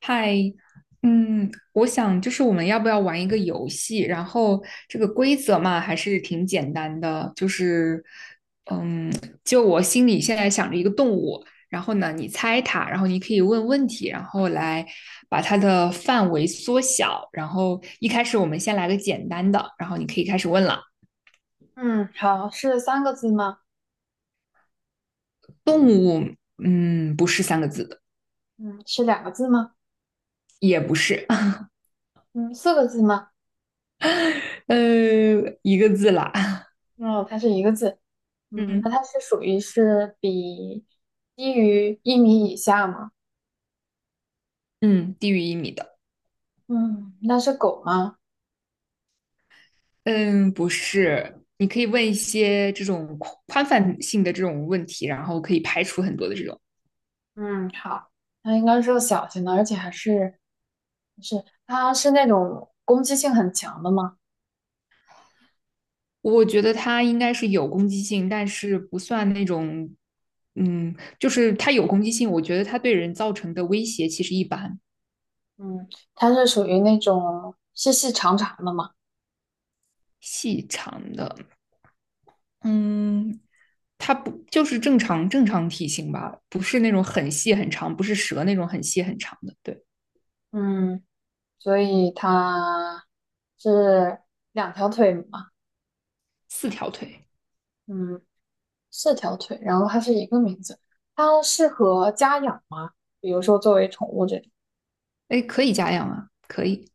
嗨，我想就是我们要不要玩一个游戏？然后这个规则嘛，还是挺简单的，就是，嗯，就我心里现在想着一个动物，然后呢，你猜它，然后你可以问问题，然后来把它的范围缩小。然后一开始我们先来个简单的，然后你可以开始问了。嗯，好，是3个字吗？动物，不是三个字的，嗯，是两个字吗？也不是，嗯，四个字吗？呃，一个字啦，嗯，它是1个字。嗯，那嗯它是属于低于1米以下吗？嗯，低于1米的。嗯，那是狗吗？嗯，不是，你可以问一些这种宽宽泛性的这种问题，然后可以排除很多的这种。嗯，好，它应该是个小型的，而且还是是它是那种攻击性很强的吗？我觉得它应该是有攻击性，但是不算那种，就是它有攻击性，我觉得它对人造成的威胁其实一般，嗯，它是属于那种细细长长的嘛。细长的，嗯，它不就是正常体型吧，不是那种很细很长，不是蛇那种很细很长的，对，嗯，所以它是两条腿嘛。四条腿，嗯。四条腿，然后它是一个名字。它适合家养吗？比如说作为宠物这种。哎，可以家养啊，可以，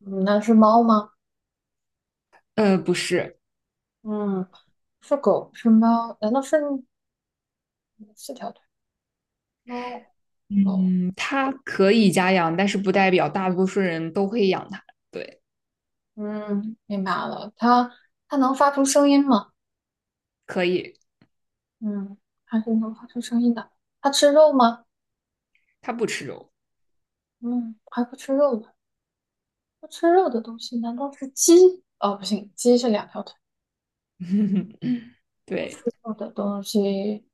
嗯，那是猫吗？不是。嗯，是狗，是猫？难道是四条腿？猫、狗。嗯，它可以家养，但是不代表大多数人都会养它。对，嗯，明白了。它能发出声音吗？可以，嗯，还是能发出声音的。它吃肉吗？它不吃肉。嗯，还不吃肉的。不吃肉的东西难道是鸡？哦，不行，鸡是两条腿。不吃对，肉的东西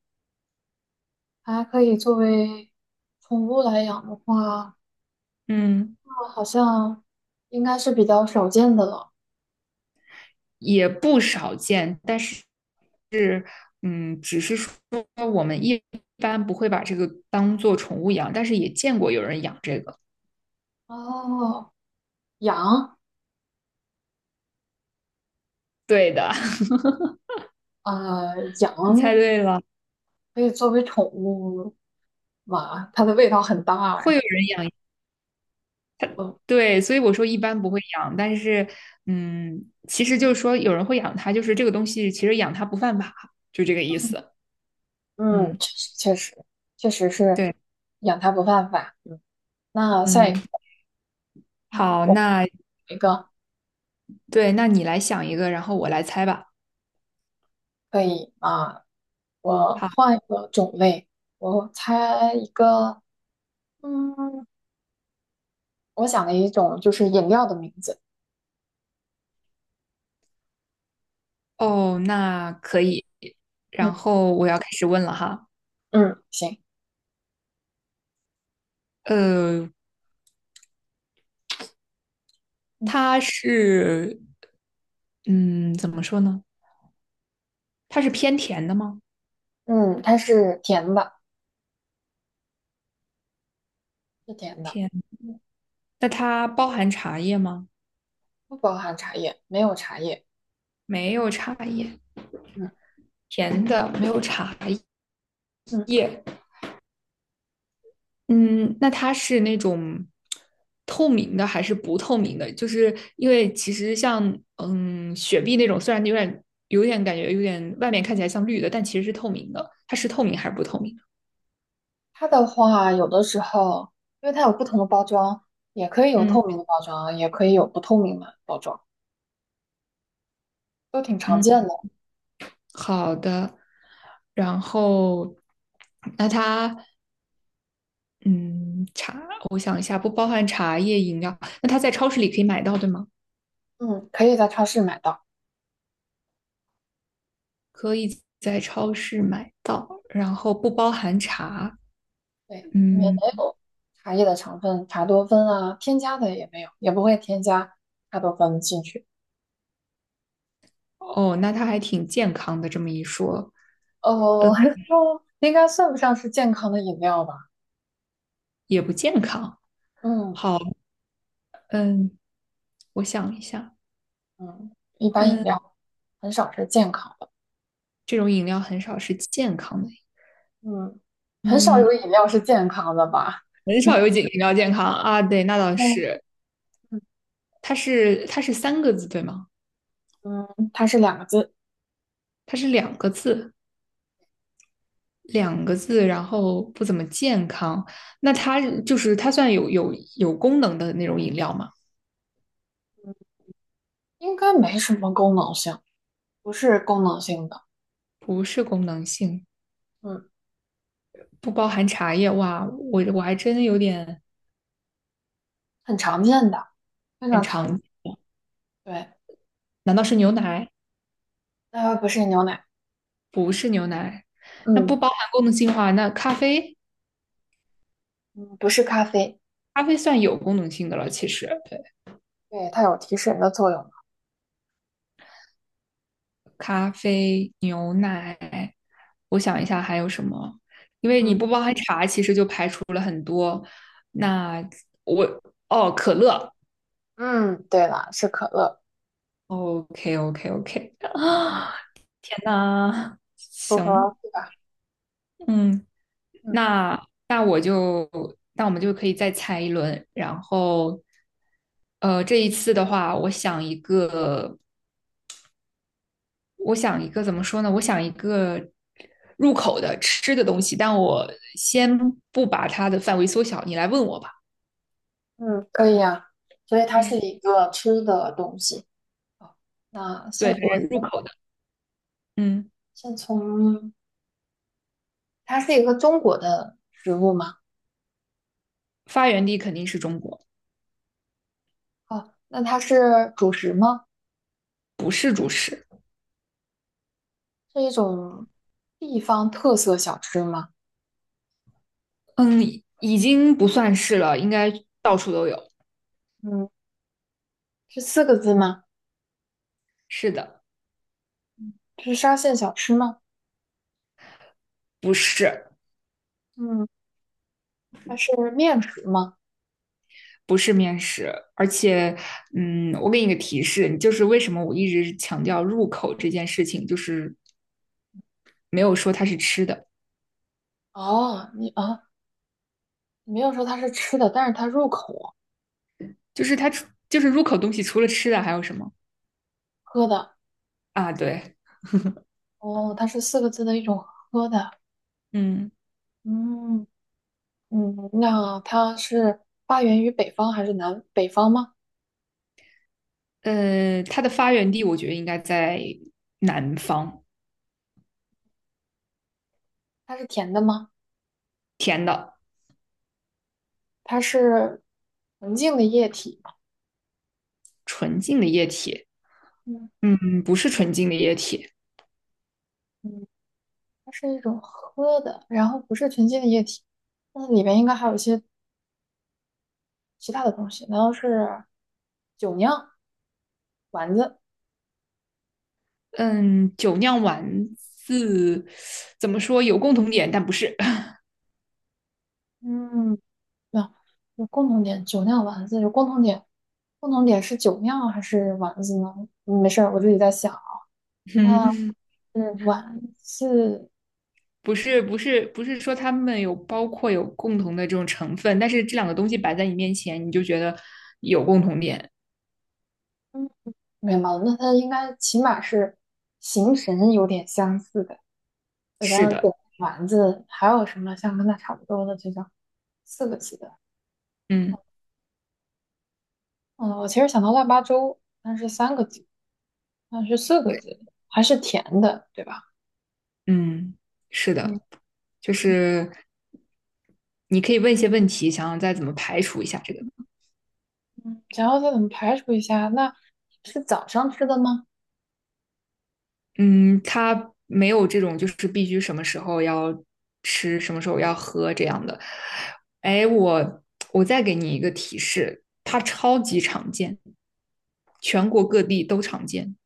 还可以作为宠物来养的话。嗯，好像应该是比较少见的了。也不少见，但是是，只是说我们一般不会把这个当做宠物养，但是也见过有人养这个。哦，羊，对的，啊，你猜羊对了，可以作为宠物嘛？它的味道很大会哎。有人养。嗯对，所以我说一般不会养，但是，其实就是说有人会养它，就是这个东西其实养它不犯法，就这个意思。嗯，嗯。确实确实确实是对，养它不犯法。嗯，那下嗯，一个，嗯，好，我那一个对，那你来想一个，然后我来猜吧。可以啊，我好，换一个种类，我猜一个，嗯，我想了一种就是饮料的名字。哦，那可以。然嗯后我要开始问了哈。嗯，行，呃，嗯它是，嗯，怎么说呢？它是偏甜的吗？嗯，它是甜的，是甜的。甜。那它包含茶叶吗？不包含茶叶，没有茶叶。没有茶叶，嗯甜的，没有茶嗯，叶。嗯，那它是那种透明的还是不透明的？就是因为其实像雪碧那种，虽然有点感觉有点外面看起来像绿的，但其实是透明的。它是透明还是不透明的？它的话，有的时候，因为它有不同的包装，也可以有嗯透明的包装，也可以有不透明的包装，都挺常嗯，见的。好的。然后那它嗯茶，我想一下，不包含茶叶饮料。那它在超市里可以买到，对吗？嗯，可以在超市买到。可以在超市买到，然后不包含茶。对，里面嗯。没有茶叶的成分，茶多酚啊，添加的也没有，也不会添加茶多酚进去。哦，那它还挺健康的，这么一说哦，应该算不上是健康的饮料吧？也不健康。嗯好，嗯，我想一下，嗯，一般饮嗯，料很少是健康的。这种饮料很少是健康的，嗯，很少嗯，有饮料是健康的吧？很少有饮料健康啊。对，那倒嗯。是，它是三个字对吗？嗯，它是两个字，它是两个字，两个字，然后不怎么健康。那它就是它算有功能的那种饮料吗？应该没什么功能性，不是功能性的，不是功能性，嗯，不包含茶叶。哇，我还真有点很常见的，非很常常见。常，对，难道是牛奶？不是牛奶，不是牛奶，那不嗯包含功能性的话，那咖啡，嗯，不是咖啡，咖啡算有功能性的了。其实，对，对，它有提神的作用嘛。咖啡、牛奶，我想一下还有什么，因为你嗯不包含茶，其实就排除了很多。那我哦，可乐嗯，对了，是可乐，，OK OK OK 啊，嗯，那符行，合对吧？嗯，嗯那那我就那我们就可以再猜一轮，然后这一次的话，我想一个。我想一个怎么说呢？我想一个入口的吃的东西，但我先不把它的范围缩小，你来问我吧。嗯，可以呀、所以它是嗯，一个吃的东西。好，那对，先反我正入先口的，嗯，先从，它是一个中国的食物吗？发源地肯定是中国，哦，那它是主食吗？不是主食。是一种地方特色小吃吗？嗯，已经不算是了，应该到处都有。嗯，是四个字吗？是的，是沙县小吃吗？不是，嗯，它是面食吗？不是面食，而且，我给你个提示，就是为什么我一直强调入口这件事情，就是没有说它是吃的，哦，你啊，你没有说它是吃的，但是它入口就是它就是入口东西除了吃的还有什么喝的。啊？对，哦，它是四个字的一种喝的。嗯，嗯嗯，那它是发源于北方还是南北方吗？它的发源地我觉得应该在南方，它是甜的吗？甜的它是纯净的液体吗？纯净的液体，嗯不是纯净的液体，嗯，它是一种喝的，然后不是纯净的液体。那里面应该还有一些其他的东西难道是酒酿、丸子？嗯，酒酿丸子怎么说有共同点，但不是，嗯，那有共同点，酒酿丸子有共同点，共同点是酒酿还是丸子呢？嗯没事儿，我自己在想。那嗯是丸子，不是，不是，不是说他们有包括有共同的这种成分，但是这两个东西摆在你面前，你就觉得有共同点，嗯，没毛病。那它应该起码是形神有点相似的。我想是想，对的，丸子还有什么像跟它差不多的这种四个字的？嗯。嗯，我其实想到腊八粥，但是三个字。那是四个字，还是甜的，对吧？嗯，是嗯的，就是你可以问一些问题，想想再怎么排除一下这个。嗯，然后再怎么排除一下？那是早上吃的吗？嗯，它没有这种就是必须什么时候要吃，什么时候要喝这样的。哎，我再给你一个提示，它超级常见，全国各地都常见。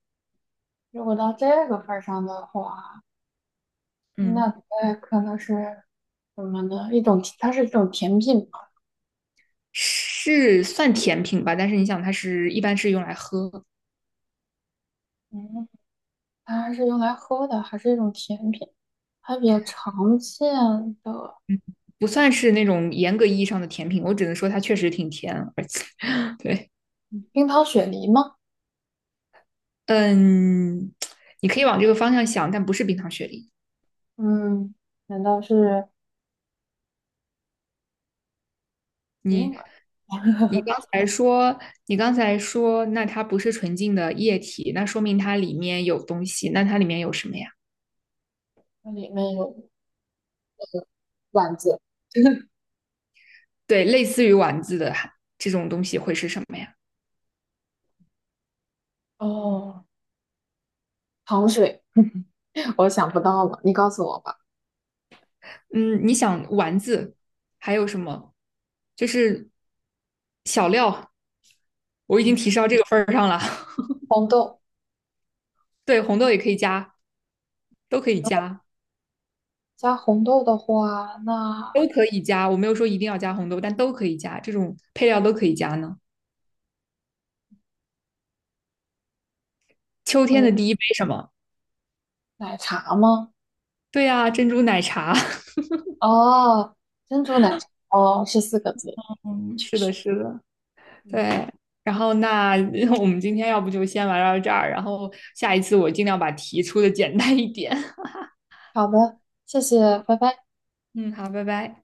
如果到这个份儿上的话，嗯，那它可能是什么呢？一种，它是一种甜品嘛。是算甜品吧，但是你想，它是一般是用来喝，嗯，它是用来喝的，还是一种甜品？还比较常见的不算是那种严格意义上的甜品。我只能说它确实挺甜，而且对。冰糖雪梨吗？嗯，你可以往这个方向想，但不是冰糖雪梨。嗯，难道是你银耳？你刚才说，那它不是纯净的液体，那说明它里面有东西。那它里面有什么呀？它里面有丸子对，类似于丸子的这种东西会是什么呀？哦，糖水，我想不到了，你告诉我吧。嗯，你想丸子还有什么？就是小料，我已经嗯，提示到这个份儿上了。红豆 对，红豆也可以加，都可以加，加红豆的话，那都可以加。我没有说一定要加红豆，但都可以加，这种配料都可以加呢。秋天呃，的第一杯什么？奶茶吗？对呀、珍珠奶茶。哦，珍珠奶茶，哦，是四个字，嗯，确是的，实。是的，嗯，对。然后那 我们今天要不就先玩到这儿，然后下一次我尽量把题出的简单一点。好的，谢谢，拜拜。嗯，好，拜拜。